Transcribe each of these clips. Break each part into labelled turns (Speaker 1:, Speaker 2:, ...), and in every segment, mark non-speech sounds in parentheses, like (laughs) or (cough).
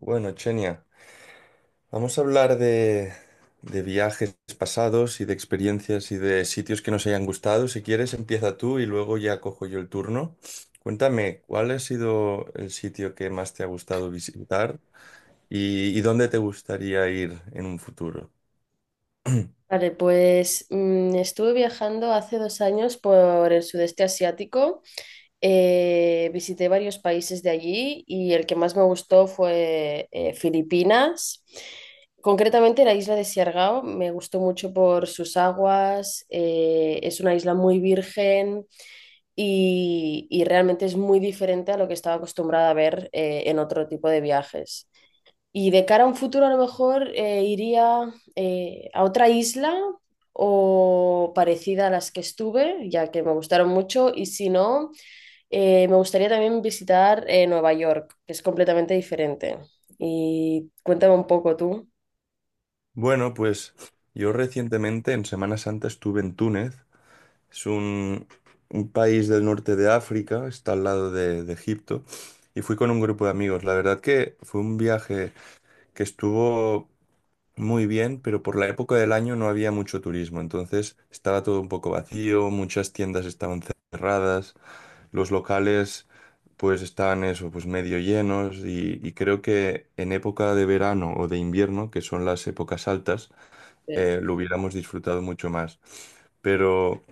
Speaker 1: Bueno, Chenia, vamos a hablar de viajes pasados y de experiencias y de sitios que nos hayan gustado. Si quieres, empieza tú y luego ya cojo yo el turno. Cuéntame, ¿cuál ha sido el sitio que más te ha gustado visitar y dónde te gustaría ir en un futuro?
Speaker 2: Vale, pues estuve viajando hace 2 años por el sudeste asiático. Visité varios países de allí y el que más me gustó fue Filipinas, concretamente la isla de Siargao. Me gustó mucho por sus aguas. Es una isla muy virgen y realmente es muy diferente a lo que estaba acostumbrada a ver en otro tipo de viajes. Y de cara a un futuro, a lo mejor iría a otra isla o parecida a las que estuve, ya que me gustaron mucho. Y si no, me gustaría también visitar Nueva York, que es completamente diferente. Y cuéntame un poco tú.
Speaker 1: Bueno, pues yo recientemente en Semana Santa estuve en Túnez. Es un, un país del norte de África, está al lado de Egipto, y fui con un grupo de amigos. La verdad que fue un viaje que estuvo muy bien, pero por la época del año no había mucho turismo, entonces estaba todo un poco vacío, muchas tiendas estaban cerradas, los locales pues estaban eso, pues medio llenos y creo que en época de verano o de invierno, que son las épocas altas,
Speaker 2: Eh,
Speaker 1: lo hubiéramos disfrutado mucho más pero,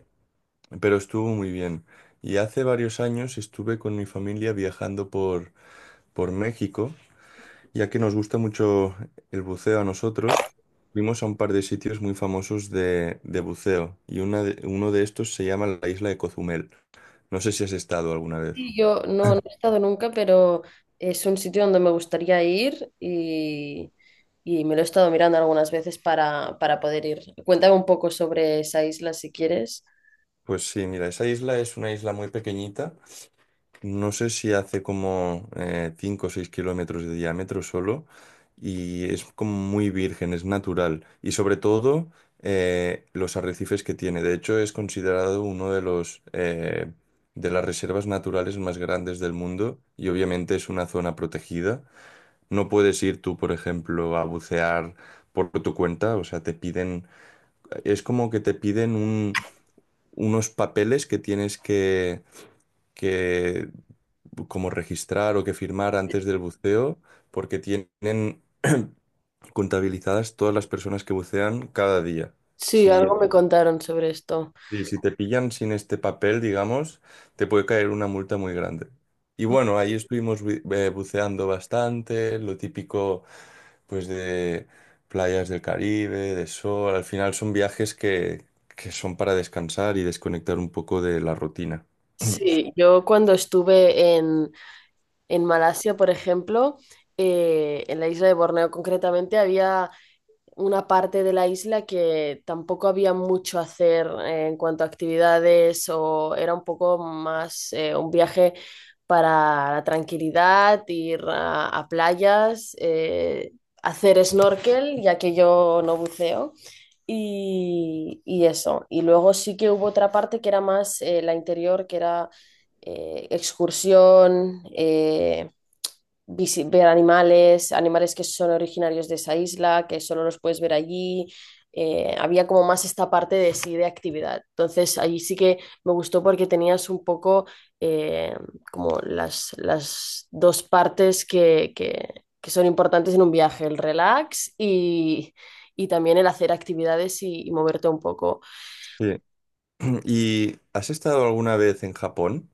Speaker 1: pero estuvo muy bien. Y hace varios años estuve con mi familia viajando por México ya que nos gusta mucho el buceo a nosotros, fuimos a un par de sitios muy famosos de buceo y uno de estos se llama la isla de Cozumel. No sé si has estado alguna vez.
Speaker 2: sí. Yo no he estado nunca, pero es un sitio donde me gustaría ir y me lo he estado mirando algunas veces para poder ir. Cuéntame un poco sobre esa isla si quieres.
Speaker 1: Pues sí, mira, esa isla es una isla muy pequeñita. No sé si hace como 5 o 6 kilómetros de diámetro solo y es como muy virgen, es natural. Y sobre todo los arrecifes que tiene. De hecho, es considerado uno de los de las reservas naturales más grandes del mundo y obviamente es una zona protegida. No puedes ir tú, por ejemplo, a bucear por tu cuenta. O sea, es como que te piden unos papeles que tienes que como registrar o que firmar antes del buceo, porque tienen (clears throat) contabilizadas todas las personas que bucean cada día.
Speaker 2: Sí,
Speaker 1: Si,
Speaker 2: algo me contaron sobre esto.
Speaker 1: si te pillan sin este papel, digamos, te puede caer una multa muy grande. Y bueno, ahí estuvimos buceando bastante, lo típico pues de playas del Caribe, de sol. Al final son viajes que son para descansar y desconectar un poco de la rutina. (clears throat)
Speaker 2: Sí, yo cuando en Malasia, por ejemplo, en la isla de Borneo concretamente, había una parte de la isla que tampoco había mucho hacer en cuanto a actividades, o era un poco más un viaje para la tranquilidad, ir a playas, hacer snorkel, ya que yo no buceo. Y eso. Y luego sí que hubo otra parte que era más la interior, que era excursión, ver animales, animales que son originarios de esa isla, que solo los puedes ver allí. Había como más esta parte de sí, de actividad. Entonces, allí sí que me gustó porque tenías un poco eh, como las dos partes que son importantes en un viaje, el relax y también el hacer actividades y moverte un poco.
Speaker 1: Sí. ¿Y has estado alguna vez en Japón?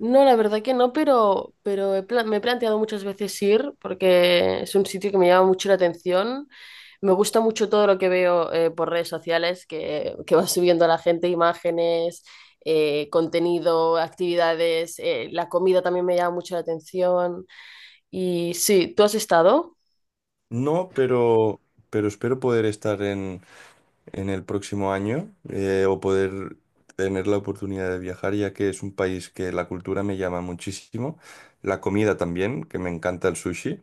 Speaker 2: No, la verdad que no, pero me he planteado muchas veces ir porque es un sitio que me llama mucho la atención. Me gusta mucho todo lo que veo por redes sociales, que va (laughs) subiendo la gente, imágenes, contenido, actividades. La comida también me llama mucho la atención. Y sí, ¿tú has estado?
Speaker 1: No, pero espero poder estar en el próximo año o poder tener la oportunidad de viajar, ya que es un país que la cultura me llama muchísimo, la comida también, que me encanta el sushi.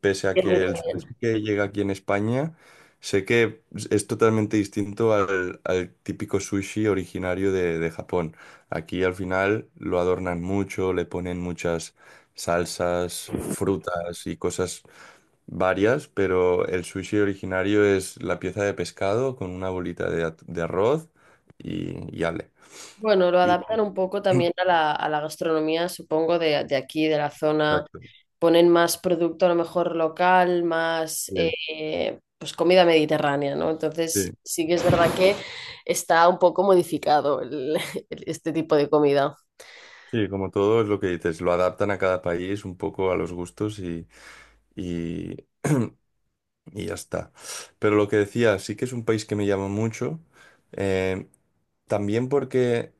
Speaker 1: Pese a
Speaker 2: Sí, a mí
Speaker 1: que el
Speaker 2: también.
Speaker 1: sushi que llega aquí en España, sé que es totalmente distinto al típico sushi originario de Japón. Aquí al final lo adornan mucho, le ponen muchas salsas, frutas y cosas varias, pero el sushi originario es la pieza de pescado con una bolita de arroz y ale.
Speaker 2: Bueno, lo
Speaker 1: Y-
Speaker 2: adaptan un poco también a a la gastronomía, supongo, de aquí, de la zona.
Speaker 1: Exacto.
Speaker 2: Ponen más producto a lo mejor local, más
Speaker 1: Sí,
Speaker 2: pues comida mediterránea, ¿no? Entonces
Speaker 1: sí.
Speaker 2: sí que es verdad que está un poco modificado (laughs) este tipo de comida.
Speaker 1: Sí, como todo es lo que dices, lo adaptan a cada país un poco a los gustos y, y ya está. Pero lo que decía, sí que es un país que me llama mucho. eh, También porque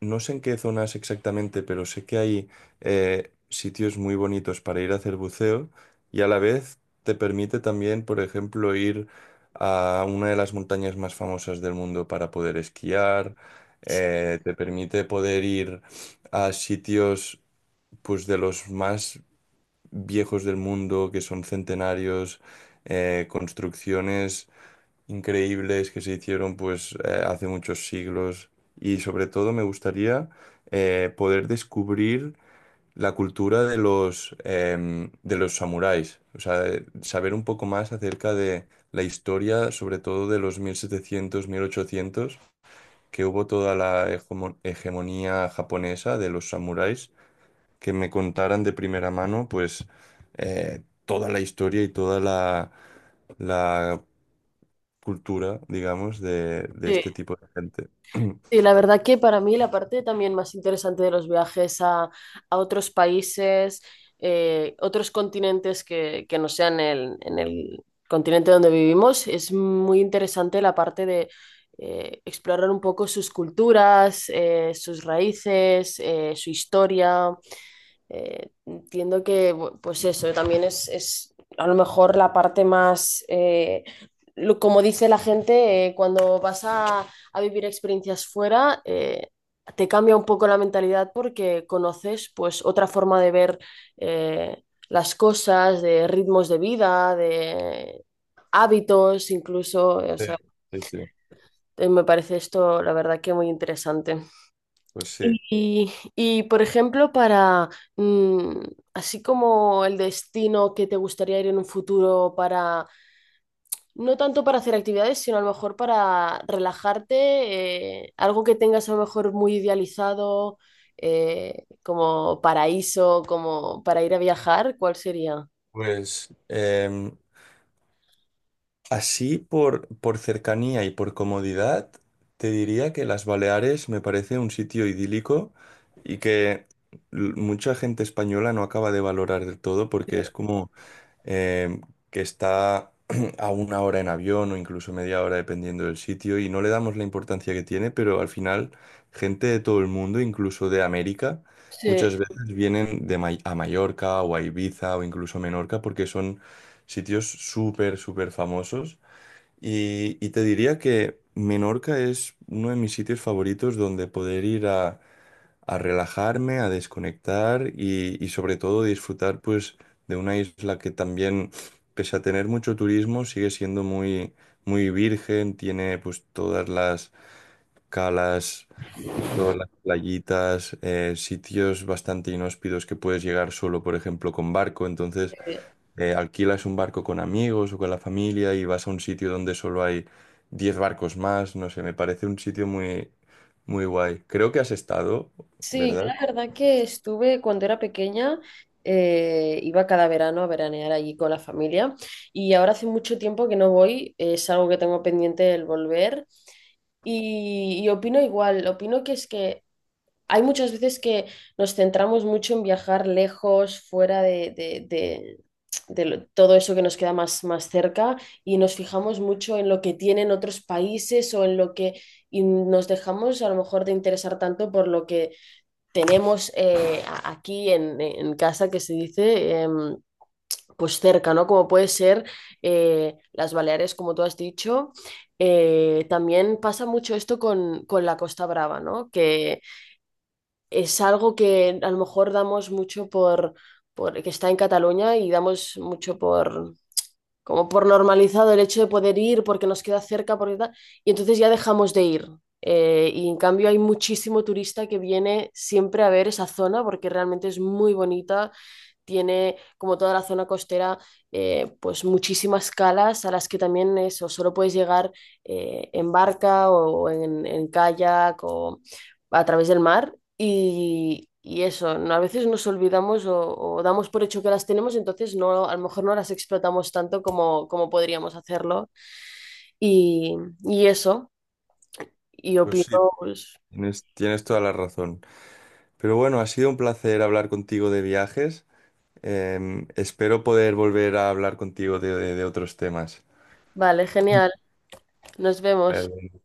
Speaker 1: no sé en qué zonas exactamente, pero sé que hay sitios muy bonitos para ir a hacer buceo y a la vez te permite también, por ejemplo, ir a una de las montañas más famosas del mundo para poder esquiar. Te permite poder ir a sitios pues de los más viejos del mundo, que son centenarios, construcciones increíbles que se hicieron pues hace muchos siglos. Y sobre todo me gustaría poder descubrir la cultura de de los samuráis, o sea, saber un poco más acerca de la historia, sobre todo de los 1700, 1800 que hubo toda la hegemonía japonesa de los samuráis que me contaran de primera mano, pues toda la historia y toda la cultura, digamos, de
Speaker 2: Sí.
Speaker 1: este tipo de gente.
Speaker 2: Sí,
Speaker 1: (clears throat)
Speaker 2: la verdad que para mí la parte también más interesante de los viajes a otros países, otros continentes que no sean en el continente donde vivimos, es muy interesante la parte de explorar un poco sus culturas, sus raíces, su historia. Entiendo que, pues eso, también es a lo mejor la parte más, como dice la gente, cuando vas a vivir experiencias fuera, te cambia un poco la mentalidad porque conoces pues otra forma de ver eh, las cosas, de ritmos de vida, de hábitos, incluso, o
Speaker 1: Sí,
Speaker 2: sea,
Speaker 1: sí, sí.
Speaker 2: me parece esto, la verdad que muy interesante.
Speaker 1: Pues sí.
Speaker 2: Y, por ejemplo, para mm, así como el destino que te gustaría ir en un futuro para, no tanto para hacer actividades, sino a lo mejor para relajarte, algo que tengas a lo mejor muy idealizado, como paraíso, como para ir a viajar, ¿cuál sería?
Speaker 1: Pues em, así por cercanía y por comodidad, te diría que las Baleares me parece un sitio idílico y que mucha gente española no acaba de valorar del todo porque es como eh, que está (clears throat) a una hora en avión o incluso media hora dependiendo del sitio y no le damos la importancia que tiene, pero al final gente de todo el mundo, incluso de América,
Speaker 2: Sí.
Speaker 1: muchas veces vienen de May- a Mallorca o a Ibiza o incluso a Menorca porque son sitios súper, súper famosos. Y te diría que Menorca es uno de mis sitios favoritos donde poder ir a relajarme, a desconectar y sobre todo disfrutar pues de una isla que también, pese a tener mucho turismo, sigue siendo muy, muy virgen, tiene pues todas las calas, todas las playitas, sitios bastante inhóspidos que puedes llegar solo, por ejemplo, con barco. Entonces, alquilas un barco con amigos o con la familia y vas a un sitio donde solo hay 10 barcos más, no sé, me parece un sitio muy, muy guay. Creo que has estado,
Speaker 2: Sí, yo
Speaker 1: ¿verdad?
Speaker 2: la verdad que estuve cuando era pequeña, iba cada verano a veranear allí con la familia y ahora hace mucho tiempo que no voy, es algo que tengo pendiente el volver y opino igual, opino que es que hay muchas veces que nos centramos mucho en viajar lejos, fuera de todo eso que nos queda más, más cerca y nos fijamos mucho en lo que tienen otros países o en lo que... Y nos dejamos a lo mejor de interesar tanto por lo que tenemos aquí en casa, que se dice, pues cerca, ¿no? Como puede ser las Baleares, como tú has dicho. También pasa mucho esto con la Costa Brava, ¿no? Que es algo que a lo mejor damos mucho por que está en Cataluña, y damos mucho por, como por normalizado, el hecho de poder ir porque nos queda cerca, porque tal, y entonces ya dejamos de ir. Y en cambio hay muchísimo turista que viene siempre a ver esa zona porque realmente es muy bonita, tiene, como toda la zona costera, pues muchísimas calas a las que también eso, solo puedes llegar en barca o en kayak o a través del mar. Y eso, a veces nos olvidamos o damos por hecho que las tenemos, entonces no, a lo mejor no las explotamos tanto como, como podríamos hacerlo. Y, y eso, y
Speaker 1: Pues
Speaker 2: opino,
Speaker 1: sí,
Speaker 2: pues,
Speaker 1: tienes, tienes toda la razón. Pero bueno, ha sido un placer hablar contigo de viajes. Em, espero poder volver a hablar contigo de otros temas.
Speaker 2: vale, genial, nos vemos.
Speaker 1: Vale.